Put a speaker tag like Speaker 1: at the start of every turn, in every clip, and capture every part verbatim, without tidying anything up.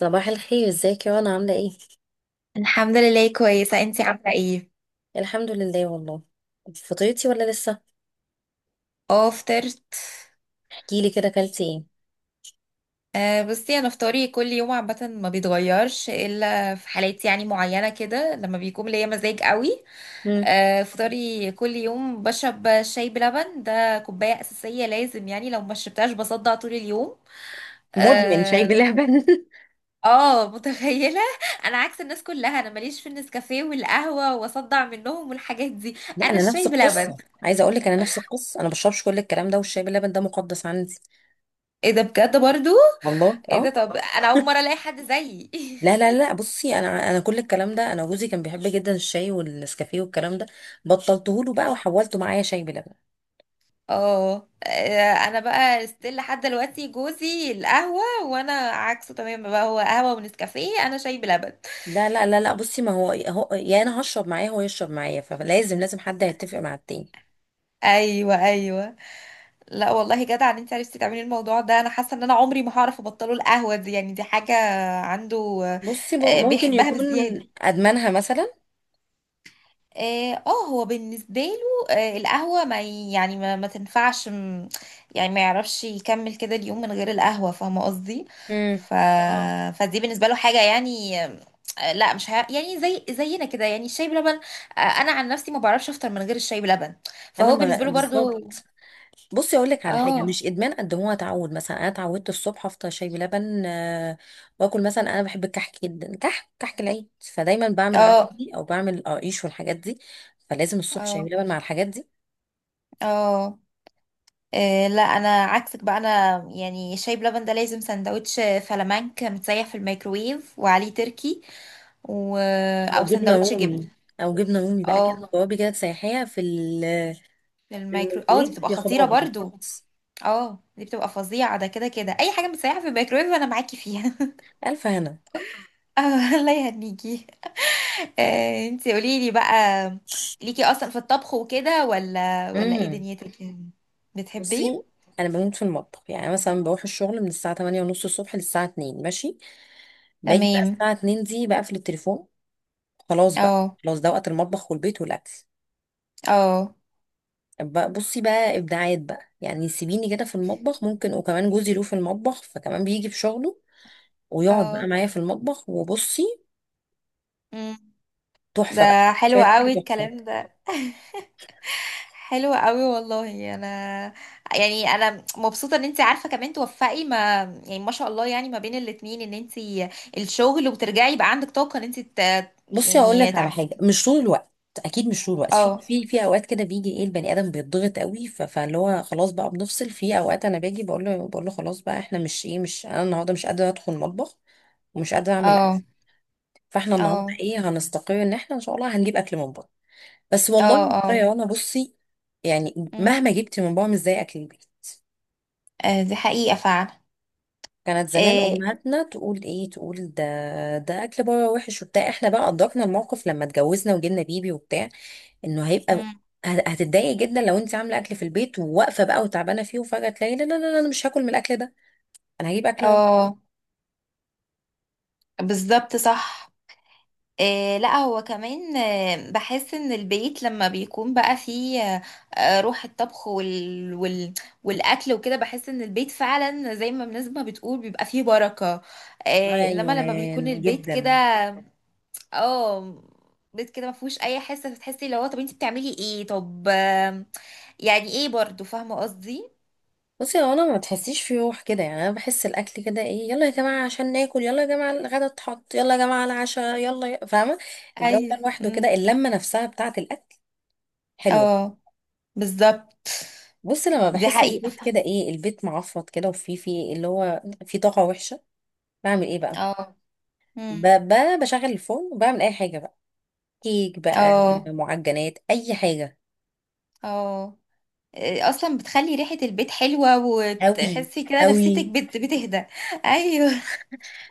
Speaker 1: صباح الخير ازيك يا رنا عاملة ايه؟
Speaker 2: الحمد لله كويسة، انتي عاملة ايه؟
Speaker 1: الحمد لله والله. فطرتي ولا لسه؟
Speaker 2: اه فطرت.
Speaker 1: احكيلي كده اكلتي ايه؟
Speaker 2: آه بصي، انا فطاري كل يوم عامة ما بيتغيرش الا في حالات يعني معينة كده لما بيكون ليا مزاج قوي.
Speaker 1: مم.
Speaker 2: آه فطاري كل يوم بشرب شاي بلبن، ده كوباية اساسية لازم، يعني لو ما شربتهاش بصدع طول اليوم.
Speaker 1: مدمن شاي
Speaker 2: اه.
Speaker 1: بلبن
Speaker 2: آه، متخيلة انا عكس الناس كلها، انا ماليش في النسكافيه والقهوة واصدع منهم والحاجات دي.
Speaker 1: لا،
Speaker 2: انا
Speaker 1: انا نفس
Speaker 2: الشاي بلبن.
Speaker 1: القصه، عايزه اقول لك انا نفس القصه. انا ما بشربش كل الكلام ده، والشاي باللبن ده مقدس عندي.
Speaker 2: ايه ده بجد برضو؟
Speaker 1: والله
Speaker 2: ايه ده،
Speaker 1: اه.
Speaker 2: طب انا اول مره الاقي حد زيي
Speaker 1: لا لا لا، بصي انا انا كل الكلام ده، انا جوزي كان بيحب جدا الشاي والنسكافيه والكلام ده. بطلته له بقى
Speaker 2: اه
Speaker 1: وحولته معايا شاي بلبن.
Speaker 2: اه. آه، انا بقى ستيل لحد دلوقتي جوزي القهوه، وانا عكسه تماما بقى، هو قهوه ونسكافيه انا شاي بلبن.
Speaker 1: لا لا لا لا، بصي ما هو هو- يا انا هشرب معاه هو يشرب معايا، فلازم لازم حد هيتفق مع التاني.
Speaker 2: ايوه ايوه. لا والله جدع ان انت عرفتي تعملي الموضوع ده. انا حاسه ان انا عمري ما هعرف ابطله القهوه دي، يعني دي حاجه عنده.
Speaker 1: بصي ب-
Speaker 2: آه،
Speaker 1: ممكن
Speaker 2: بيحبها
Speaker 1: يكون
Speaker 2: بزياده.
Speaker 1: ادمانها مثلا.
Speaker 2: اه آه، هو بالنسبة له آه القهوة ما ي- يعني ما, ما تنفعش، م- يعني ما يعرفش يكمل كده اليوم من غير القهوة، فاهمة قصدي؟
Speaker 1: امم.
Speaker 2: ف... اه فدي بالنسبة له حاجة يعني. آه، لا مش ه... يعني زي زينا كده، يعني الشاي بلبن. آه انا عن نفسي ما بعرفش افطر من غير الشاي بلبن.
Speaker 1: انا
Speaker 2: فهو بالنسبة
Speaker 1: ما
Speaker 2: له انا برضو برضه.
Speaker 1: بالظبط. بصي اقول لك على حاجه
Speaker 2: اه
Speaker 1: مش ادمان قد هو تعود، مثلا انا اتعودت الصبح افطر شاي بلبن، آه، واكل مثلا انا بحب الكحك جدا، كحك كحك العيد، فدايما بعمل
Speaker 2: اه
Speaker 1: عندي او بعمل قريش والحاجات دي. فلازم الصبح شاي
Speaker 2: اه
Speaker 1: بلبن مع الحاجات دي.
Speaker 2: اه. آه، لا انا عكسك بقى، انا يعني الشاي بلبن ده لازم سندوتش فلامنك متسيح في الميكرويف وعليه تركي، و... آه، او
Speaker 1: او جبنه
Speaker 2: سندوتش جبنه.
Speaker 1: رومي. او جبنه رومي بقى كده
Speaker 2: اه
Speaker 1: جوابي، كده تسيحيها في ال-
Speaker 2: في
Speaker 1: في
Speaker 2: الميكرو، اه دي
Speaker 1: الميكرويف،
Speaker 2: بتبقى
Speaker 1: يا خبر
Speaker 2: خطيره
Speaker 1: ابيض.
Speaker 2: برضو. اه دي بتبقى فظيعه، ده كده كده اي حاجه بتسيحها في الميكرويف انا معاكي فيها
Speaker 1: الف هنا.
Speaker 2: اه الله يهنيكي. آه انتي قولي لي بقى، ليكي اصلا في الطبخ وكده ولا ولا ايه
Speaker 1: امم.
Speaker 2: دنيتك؟ بتحبيه؟
Speaker 1: بصي انا بموت في المطبخ. يعني مثلا بروح الشغل من الساعه تمانية ونص الصبح للساعه اتنين، ماشي. باجي بقى
Speaker 2: تمام.
Speaker 1: الساعه اتنين دي بقفل التليفون. خلاص بقى.
Speaker 2: اه
Speaker 1: خلاص، ده وقت المطبخ والبيت والاكل.
Speaker 2: اه
Speaker 1: بقى بصي بقى ابداعات بقى، يعني سيبيني كده في المطبخ. ممكن وكمان جوزي له في المطبخ، فكمان بيجي في شغله ويقعد بقى
Speaker 2: اه.
Speaker 1: معايا في المطبخ وبصي،
Speaker 2: مم.
Speaker 1: تحفه بقى.
Speaker 2: ده
Speaker 1: شويه
Speaker 2: حلو قوي
Speaker 1: اكل تحفه.
Speaker 2: الكلام ده. حلوة قوي والله. انا يعني انا مبسوطة ان انت عارفة كمان توفقي، ما يعني ما شاء الله، يعني ما بين الاتنين ان انت الشغل وترجعي يبقى عندك طاقة ان انت ت...
Speaker 1: بصي هقول
Speaker 2: يعني
Speaker 1: لك
Speaker 2: تع...
Speaker 1: على حاجه مش طول الوقت. اكيد مش طول الوقت، في
Speaker 2: اه
Speaker 1: في في اوقات كده بيجي ايه البني ادم بيتضغط قوي، ف- فاللي هو خلاص بقى بنفصل. في اوقات انا باجي بقول له بقول له خلاص بقى، احنا مش ايه، مش انا النهارده مش قادره ادخل المطبخ ومش قادره اعمل اكل.
Speaker 2: اه
Speaker 1: فاحنا النهارده
Speaker 2: اه
Speaker 1: ايه هنستقر ان احنا ان شاء الله هنجيب اكل من بره. بس والله
Speaker 2: اه
Speaker 1: والله
Speaker 2: اه.
Speaker 1: يا رنا، بصي يعني
Speaker 2: أمم.
Speaker 1: مهما جبت من بره مش زي اكل البيت.
Speaker 2: آه، دي حقيقة فعلا.
Speaker 1: كانت زمان
Speaker 2: اه.
Speaker 1: امهاتنا تقول ايه، تقول ده، ده اكل بره وحش وبتاع. احنا بقى ادركنا الموقف لما اتجوزنا وجبنا بيبي وبتاع، انه هيبقى
Speaker 2: أمم.
Speaker 1: هت- هتتضايق جدا لو انت عامله اكل في البيت وواقفه بقى وتعبانه فيه وفجاه تلاقي لا لا لا لا، انا مش هاكل من الاكل ده، انا هجيب اكل
Speaker 2: آه، بالظبط صح. آه لا هو كمان آه بحس ان البيت لما بيكون بقى فيه آه آه، روح الطبخ وال وال والاكل وكده، بحس ان البيت فعلا زي ما الناس ما بتقول بيبقى فيه بركة.
Speaker 1: من
Speaker 2: آه انما لما بيكون
Speaker 1: ايوان
Speaker 2: البيت كده،
Speaker 1: جدا.
Speaker 2: اه بيت كده ما فيهوش اي حس، فتحسي اللي هو طب انت بتعملي ايه؟ طب آه يعني ايه برضو، فاهمة قصدي؟
Speaker 1: بصي هو انا ما تحسيش في روح كده. يعني انا بحس الاكل كده ايه، يلا يا جماعه عشان ناكل، يلا يا جماعه الغدا اتحط، يلا يا جماعه العشاء، يلا ي- فاهمه. الجو ده
Speaker 2: ايوه.
Speaker 1: لوحده كده،
Speaker 2: مم.
Speaker 1: اللمه نفسها بتاعه الاكل حلوه.
Speaker 2: اه بالظبط.
Speaker 1: بصي لما
Speaker 2: دي
Speaker 1: بحس
Speaker 2: حقيقة.
Speaker 1: البيت كده ايه، البيت معفط كده وفي في اللي هو في طاقه وحشه، بعمل ايه بقى؟
Speaker 2: اه. مم.
Speaker 1: ب- ب- بشغل الفرن وبعمل اي حاجه بقى. كيك بقى،
Speaker 2: اه
Speaker 1: معجنات، اي حاجه.
Speaker 2: اه. آه، اصلا بتخلي ريحة البيت حلوة
Speaker 1: قوي
Speaker 2: وتحسي كده
Speaker 1: قوي
Speaker 2: نفسيتك بت- بتهدى ايوه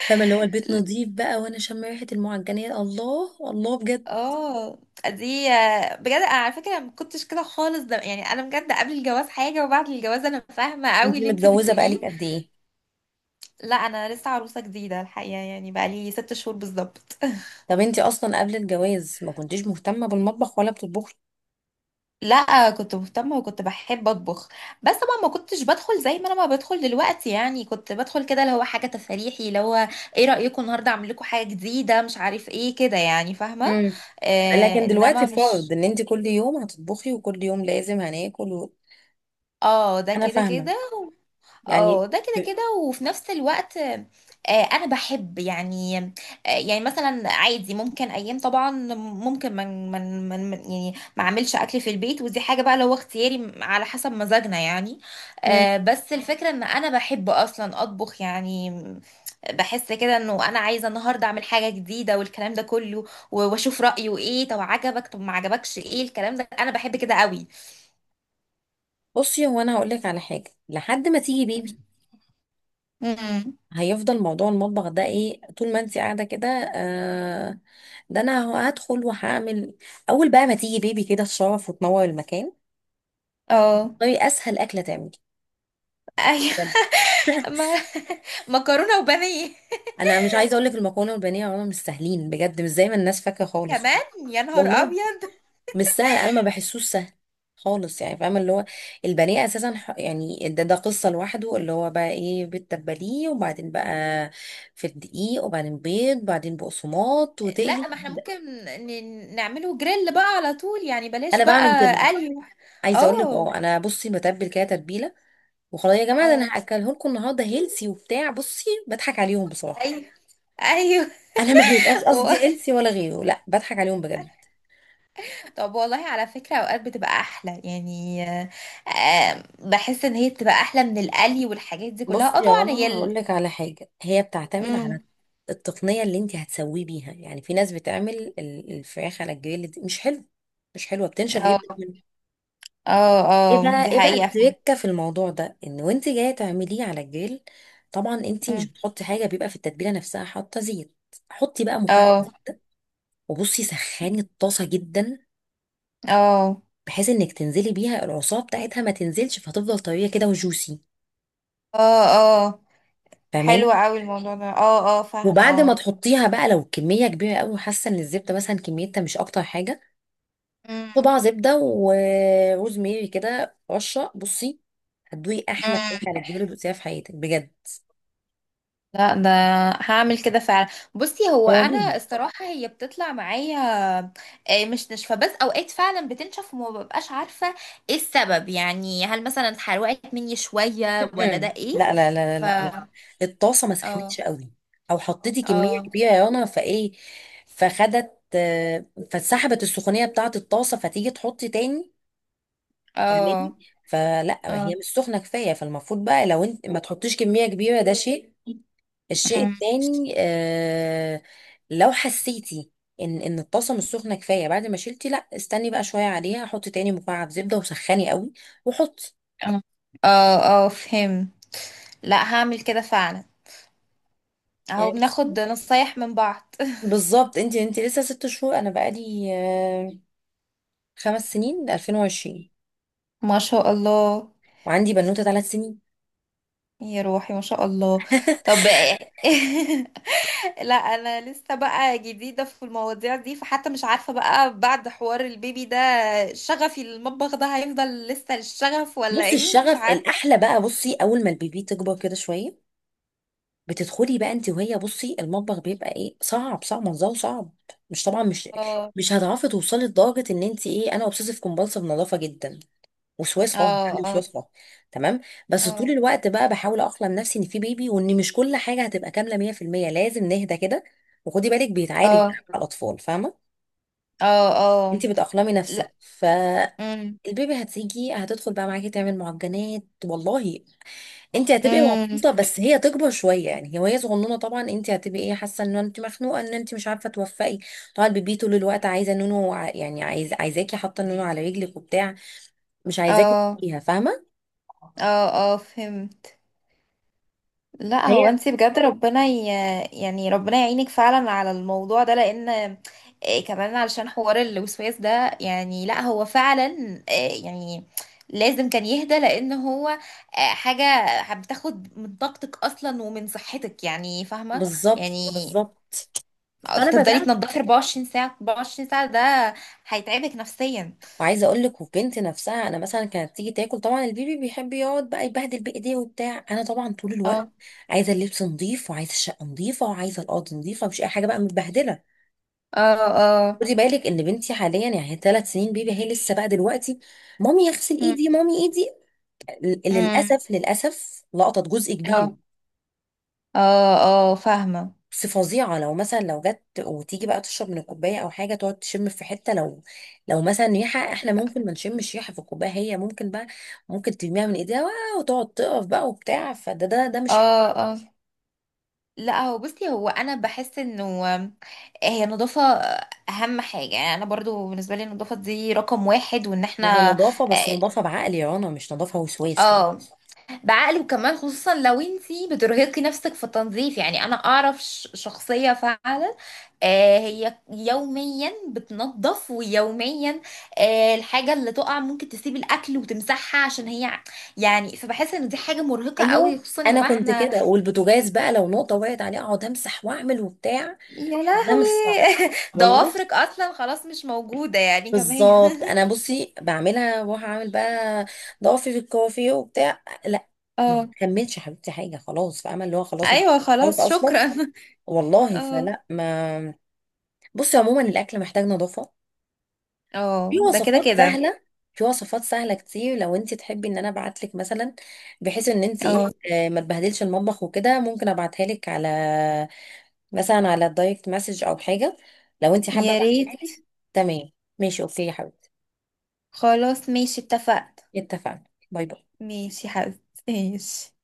Speaker 1: فاهمه اللي هو البيت نظيف بقى وانا شم ريحه المعجنات، الله الله بجد.
Speaker 2: اه. دي آه، بجد انا على فكرة ما كنتش كده خالص. ده يعني انا بجد قبل الجواز حاجة وبعد الجواز. انا فاهمة قوي
Speaker 1: انتي
Speaker 2: اللي انت
Speaker 1: متجوزه
Speaker 2: بتقوليه.
Speaker 1: بقالك قد ايه؟
Speaker 2: لا انا لسه عروسة جديدة الحقيقة، يعني بقالي ست شهور بالظبط.
Speaker 1: طب انتي اصلا قبل الجواز ما كنتيش مهتمه بالمطبخ ولا بتطبخي؟
Speaker 2: لا كنت مهتمة وكنت بحب أطبخ، بس طبعا ما كنتش بدخل زي ما أنا ما بدخل دلوقتي. يعني كنت بدخل كده اللي هو حاجة تفريحي، اللي هو إيه رأيكم النهاردة أعمل لكم حاجة جديدة مش عارف إيه كده، يعني فاهمة اه.
Speaker 1: امم. لكن
Speaker 2: آه إنما
Speaker 1: دلوقتي فرض
Speaker 2: مش،
Speaker 1: ان انتي كل يوم هتطبخي وكل يوم لازم هناكل و...
Speaker 2: آه ده
Speaker 1: انا
Speaker 2: كده
Speaker 1: فاهمه
Speaker 2: كده. اه
Speaker 1: يعني.
Speaker 2: ده كده كده. وفي نفس الوقت آه، انا بحب يعني آه، يعني مثلا عادي ممكن ايام، طبعا ممكن من من من من- يعني ما اعملش اكل في البيت، ودي حاجه بقى لو اختياري على حسب مزاجنا يعني.
Speaker 1: مم.
Speaker 2: آه، بس الفكره ان انا بحب اصلا اطبخ يعني. بحس كده انه انا عايزه النهارده اعمل حاجه جديده والكلام ده كله، و- واشوف رايه ايه، طب عجبك طب ما عجبكش ايه الكلام ده. انا بحب كده قوي.
Speaker 1: بصي هو انا هقول لك على حاجه، لحد ما تيجي بيبي
Speaker 2: امم.
Speaker 1: هيفضل موضوع المطبخ ده ايه طول ما انت قاعده كده. آه ده انا هدخل وهعمل. اول بقى ما تيجي بيبي كده تشرف وتنور المكان.
Speaker 2: اه
Speaker 1: طيب اسهل اكله تعمل
Speaker 2: ايوه
Speaker 1: بجد
Speaker 2: ما مكرونة وبانيه؟
Speaker 1: انا مش عايزه اقول لك، المكرونه والبانيه عموما مش سهلين بجد، مش زي ما الناس فاكره خالص.
Speaker 2: كمان يا نهار
Speaker 1: والله
Speaker 2: ابيض.
Speaker 1: مش سهل، انا ما بحسوش سهل خالص. يعني فاهمه اللي هو البانيه اساسا ح- يعني ده ده قصه لوحده، اللي هو بقى ايه بتتبليه، وبعدين بقى في الدقيق، وبعدين بيض، وبعدين بقسماط
Speaker 2: لا
Speaker 1: وتقلي.
Speaker 2: ما احنا ممكن ن- نعمله جريل بقى على طول، يعني بلاش
Speaker 1: انا بعمل
Speaker 2: بقى
Speaker 1: كده.
Speaker 2: قلي.
Speaker 1: عايزه اقول لك،
Speaker 2: اه
Speaker 1: اه انا بصي بتبل كده تتبيله وخلاص. يا جماعه ده انا
Speaker 2: اه.
Speaker 1: هاكله لكم النهارده هيلسي وبتاع، بصي بضحك عليهم بصراحه
Speaker 2: ايوه ايوه
Speaker 1: انا ما بيبقاش
Speaker 2: و...
Speaker 1: قصدي هيلسي ولا غيره، لا بضحك عليهم بجد.
Speaker 2: طب والله على فكرة اوقات بتبقى احلى يعني، آه، بحس ان هي بتبقى احلى من القلي والحاجات دي كلها. اه
Speaker 1: بصي يا
Speaker 2: طبعا هي
Speaker 1: رنا هقول
Speaker 2: ال...
Speaker 1: لك على حاجه، هي بتعتمد على
Speaker 2: مم.
Speaker 1: التقنيه اللي انت هتسويه بيها. يعني في ناس بتعمل ال- الفراخ على الجريل، دي مش حلو، مش حلوه، بتنشف
Speaker 2: اه
Speaker 1: جدا منه.
Speaker 2: اه
Speaker 1: ايه
Speaker 2: اه. دي
Speaker 1: بقى ايه بقى
Speaker 2: حقيقة فعلا.
Speaker 1: التركه في الموضوع ده، ان وانت جايه تعمليه على الجريل، طبعا انت مش
Speaker 2: مم.
Speaker 1: بتحطي حاجه، بيبقى في التتبيله نفسها حاطه زيت. حطي بقى مكعب،
Speaker 2: اه
Speaker 1: وبصي سخني الطاسه جدا،
Speaker 2: اه
Speaker 1: بحيث انك تنزلي بيها العصاره بتاعتها ما تنزلش فتفضل طريه كده وجوسي،
Speaker 2: اه اه.
Speaker 1: فاهماني.
Speaker 2: حلو قوي الموضوع ده. اه اه فاهمة
Speaker 1: وبعد ما
Speaker 2: اه.
Speaker 1: تحطيها بقى لو كميه كبيره قوي حاسه ان الزبده مثلا كميتها مش اكتر حاجه،
Speaker 2: مم.
Speaker 1: صباع زبده وروز ميري كده رشه. بصي هتدوقي احلى فراخ على
Speaker 2: مم.
Speaker 1: الجبل اللي دوقتيها في حياتك بجد.
Speaker 2: لا ده هعمل كده فعلا. بصي هو
Speaker 1: جربيها.
Speaker 2: انا الصراحه هي بتطلع معايا آه، مش ناشفه، بس اوقات فعلا بتنشف وما ببقاش عارفه ايه السبب، يعني هل مثلا اتحرقت مني شويه، ولا ده ايه؟
Speaker 1: لا لا لا لا
Speaker 2: ف
Speaker 1: لا لا، الطاسه ما
Speaker 2: اه
Speaker 1: سخنتش قوي، او حطيتي كميه
Speaker 2: اه
Speaker 1: كبيره يا رنا، فايه فخدت، آه، فاتسحبت السخونيه بتاعه الطاسه، فتيجي تحطي تاني، فاهماني.
Speaker 2: اه
Speaker 1: فلا هي
Speaker 2: اه.
Speaker 1: مش سخنه كفايه، فالمفروض بقى لو انت ما تحطيش كميه كبيره، ده شيء. الشيء
Speaker 2: أمم،
Speaker 1: التاني، آه لو حسيتي ان ان الطاسه مش سخنه كفايه بعد ما شلتي، لا استني بقى شويه عليها، حطي تاني مكعب زبده وسخني قوي وحطي.
Speaker 2: اه. مم. اه اه فهم. لا هعمل كده فعلا. اهو
Speaker 1: يعني بس
Speaker 2: بناخد نصايح من بعض
Speaker 1: بالظبط، انت انت لسه ست شهور، انا بقالي آه، خمس سنين ألفين وعشرين،
Speaker 2: ما شاء الله.
Speaker 1: وعندي بنوته ثلاث سنين
Speaker 2: يا روحي ما شاء الله. طب لا انا لسه بقى جديده في المواضيع دي، فحتى مش عارفه بقى بعد حوار البيبي ده شغفي للمطبخ ده هيفضل لسه الشغف، ولا
Speaker 1: بصي
Speaker 2: ايه مش
Speaker 1: الشغف
Speaker 2: عارفه.
Speaker 1: الاحلى بقى، بصي اول ما البيبي تكبر كده شويه بتدخلي بقى انت وهي بصي المطبخ، بيبقى ايه صعب، صعب منظره صعب، مش طبعا مش،
Speaker 2: اه
Speaker 1: مش هتعرفي توصلي لدرجه ان انت ايه، انا اوبسيسيف كومبالسيف نظافه جدا، وسواس قهري، عندي
Speaker 2: اه
Speaker 1: وسواس قهري، تمام. بس طول
Speaker 2: اه
Speaker 1: الوقت بقى بحاول اقلم نفسي ان في بيبي وان مش كل حاجه هتبقى كامله مية في المية. لازم نهدى كده، وخدي بالك بيتعالج
Speaker 2: اه اه
Speaker 1: على الاطفال فاهمه.
Speaker 2: اه اه.
Speaker 1: انت بتأقلمي نفسك
Speaker 2: لا. امم.
Speaker 1: فالبيبي. هتيجي هتدخل بقى معاكي تعمل معجنات والله. انت هتبقي
Speaker 2: امم.
Speaker 1: مبسوطه بس هي تكبر شويه. يعني هي وهي صغنونه طبعا انت هتبقي ايه حاسه ان انت مخنوقه ان انت مش عارفه توفقي. طبعا البيبي طول الوقت عايزه نونو، وع- يعني عايز عايزاكي حاطه النونو على رجلك وبتاع، مش عايزاكي
Speaker 2: اه
Speaker 1: تبقيها فاهمه.
Speaker 2: اه اه فهمت. لا
Speaker 1: هي
Speaker 2: هو انت بجد ربنا ي... يعني ربنا يعينك فعلا على الموضوع ده، لان إيه كمان علشان حوار الوسواس ده. يعني لا هو فعلا إيه يعني لازم كان يهدى، لان هو آه، حاجة بتاخد من طاقتك اصلا ومن صحتك، يعني فاهمة،
Speaker 1: بالظبط
Speaker 2: يعني
Speaker 1: بالظبط. فانا
Speaker 2: تفضلي
Speaker 1: بدات
Speaker 2: تنضفي أربعة وعشرين ساعة أربعة وعشرين ساعة، ده هيتعبك نفسيا.
Speaker 1: وعايزه اقول لك وبنت نفسها. انا مثلا كانت تيجي تاكل، طبعا البيبي بيحب يقعد بقى يبهدل بايديه وبتاع، انا طبعا طول
Speaker 2: اه
Speaker 1: الوقت عايزه اللبس نظيف وعايزه الشقه نظيفه وعايزه الارض نظيفه، مش اي حاجه بقى متبهدله.
Speaker 2: اه اه.
Speaker 1: خدي بالك ان بنتي حاليا يعني هي ثلاث سنين بيبي، هي لسه بقى دلوقتي مامي اغسل
Speaker 2: مم.
Speaker 1: ايدي مامي ايدي،
Speaker 2: مم.
Speaker 1: للاسف للاسف لقطت جزء كبير.
Speaker 2: اه اه اه فاهمة
Speaker 1: بس فظيعة لو مثلا لو جت وتيجي بقى تشرب من الكوباية أو حاجة، تقعد تشم في حتة، لو لو مثلا ريحة، احنا ممكن ما نشمش ريحة في الكوباية، هي ممكن بقى ممكن ترميها من ايديها، وا- وتقعد تقف بقى وبتاع، فده ده ده مش ح-
Speaker 2: اه. آه. لا هو بصي هو انا بحس انه هي النظافه اهم حاجه، يعني انا برضو بالنسبه لي النظافه دي رقم واحد، وان
Speaker 1: ما هو
Speaker 2: احنا
Speaker 1: نظافة، بس
Speaker 2: اه
Speaker 1: نظافة بعقل يا رنا، مش نظافة وسواس فاهم.
Speaker 2: آه، بعقل، وكمان خصوصا لو انتي بترهقي نفسك في التنظيف. يعني انا اعرف ش- شخصيه فعلا آه، هي يوميا بتنظف ويوميا آه، الحاجه اللي تقع ممكن تسيب الاكل وتمسحها عشان هي ع- يعني فبحس ان دي حاجه مرهقه قوي،
Speaker 1: أيوه.
Speaker 2: خصوصا يا
Speaker 1: أنا
Speaker 2: جماعه
Speaker 1: كنت
Speaker 2: احنا.
Speaker 1: كده، والبوتاجاز بقى لو نقطة وقعت عليه أقعد أمسح وأعمل وبتاع،
Speaker 2: يا
Speaker 1: ده
Speaker 2: لهوي
Speaker 1: مش صح. والله
Speaker 2: ضوافرك اصلا خلاص مش موجودة يعني كمان.
Speaker 1: بالظبط. انا بصي بعملها واروح اعمل بقى ضعفي في الكوافيه وبتاع، لا ما
Speaker 2: اه
Speaker 1: بكملش يا حبيبتي حاجه، خلاص فاهمه اللي هو خلاص
Speaker 2: ايوه
Speaker 1: بطلت
Speaker 2: خلاص
Speaker 1: اصلا.
Speaker 2: شكرا.
Speaker 1: والله
Speaker 2: اه
Speaker 1: فلا ما. بصي عموما الاكل محتاج نظافه.
Speaker 2: اه
Speaker 1: في
Speaker 2: ده كده
Speaker 1: وصفات
Speaker 2: كده.
Speaker 1: سهله، في وصفات سهله كتير، لو انت تحبي ان انا ابعت لك مثلا، بحيث ان انت ايه،
Speaker 2: اه
Speaker 1: آه، ما تبهدلش المطبخ وكده، ممكن ابعتها لك على مثلا على الدايركت مسج او حاجه، لو انت حابه
Speaker 2: يا
Speaker 1: ابعتها
Speaker 2: ريت.
Speaker 1: لك. تمام، ماشي، اوكي يا حبيبتي.
Speaker 2: خلاص ماشي اتفقت.
Speaker 1: اتفقنا. باي باي.
Speaker 2: ماشي حبيبي. ماشي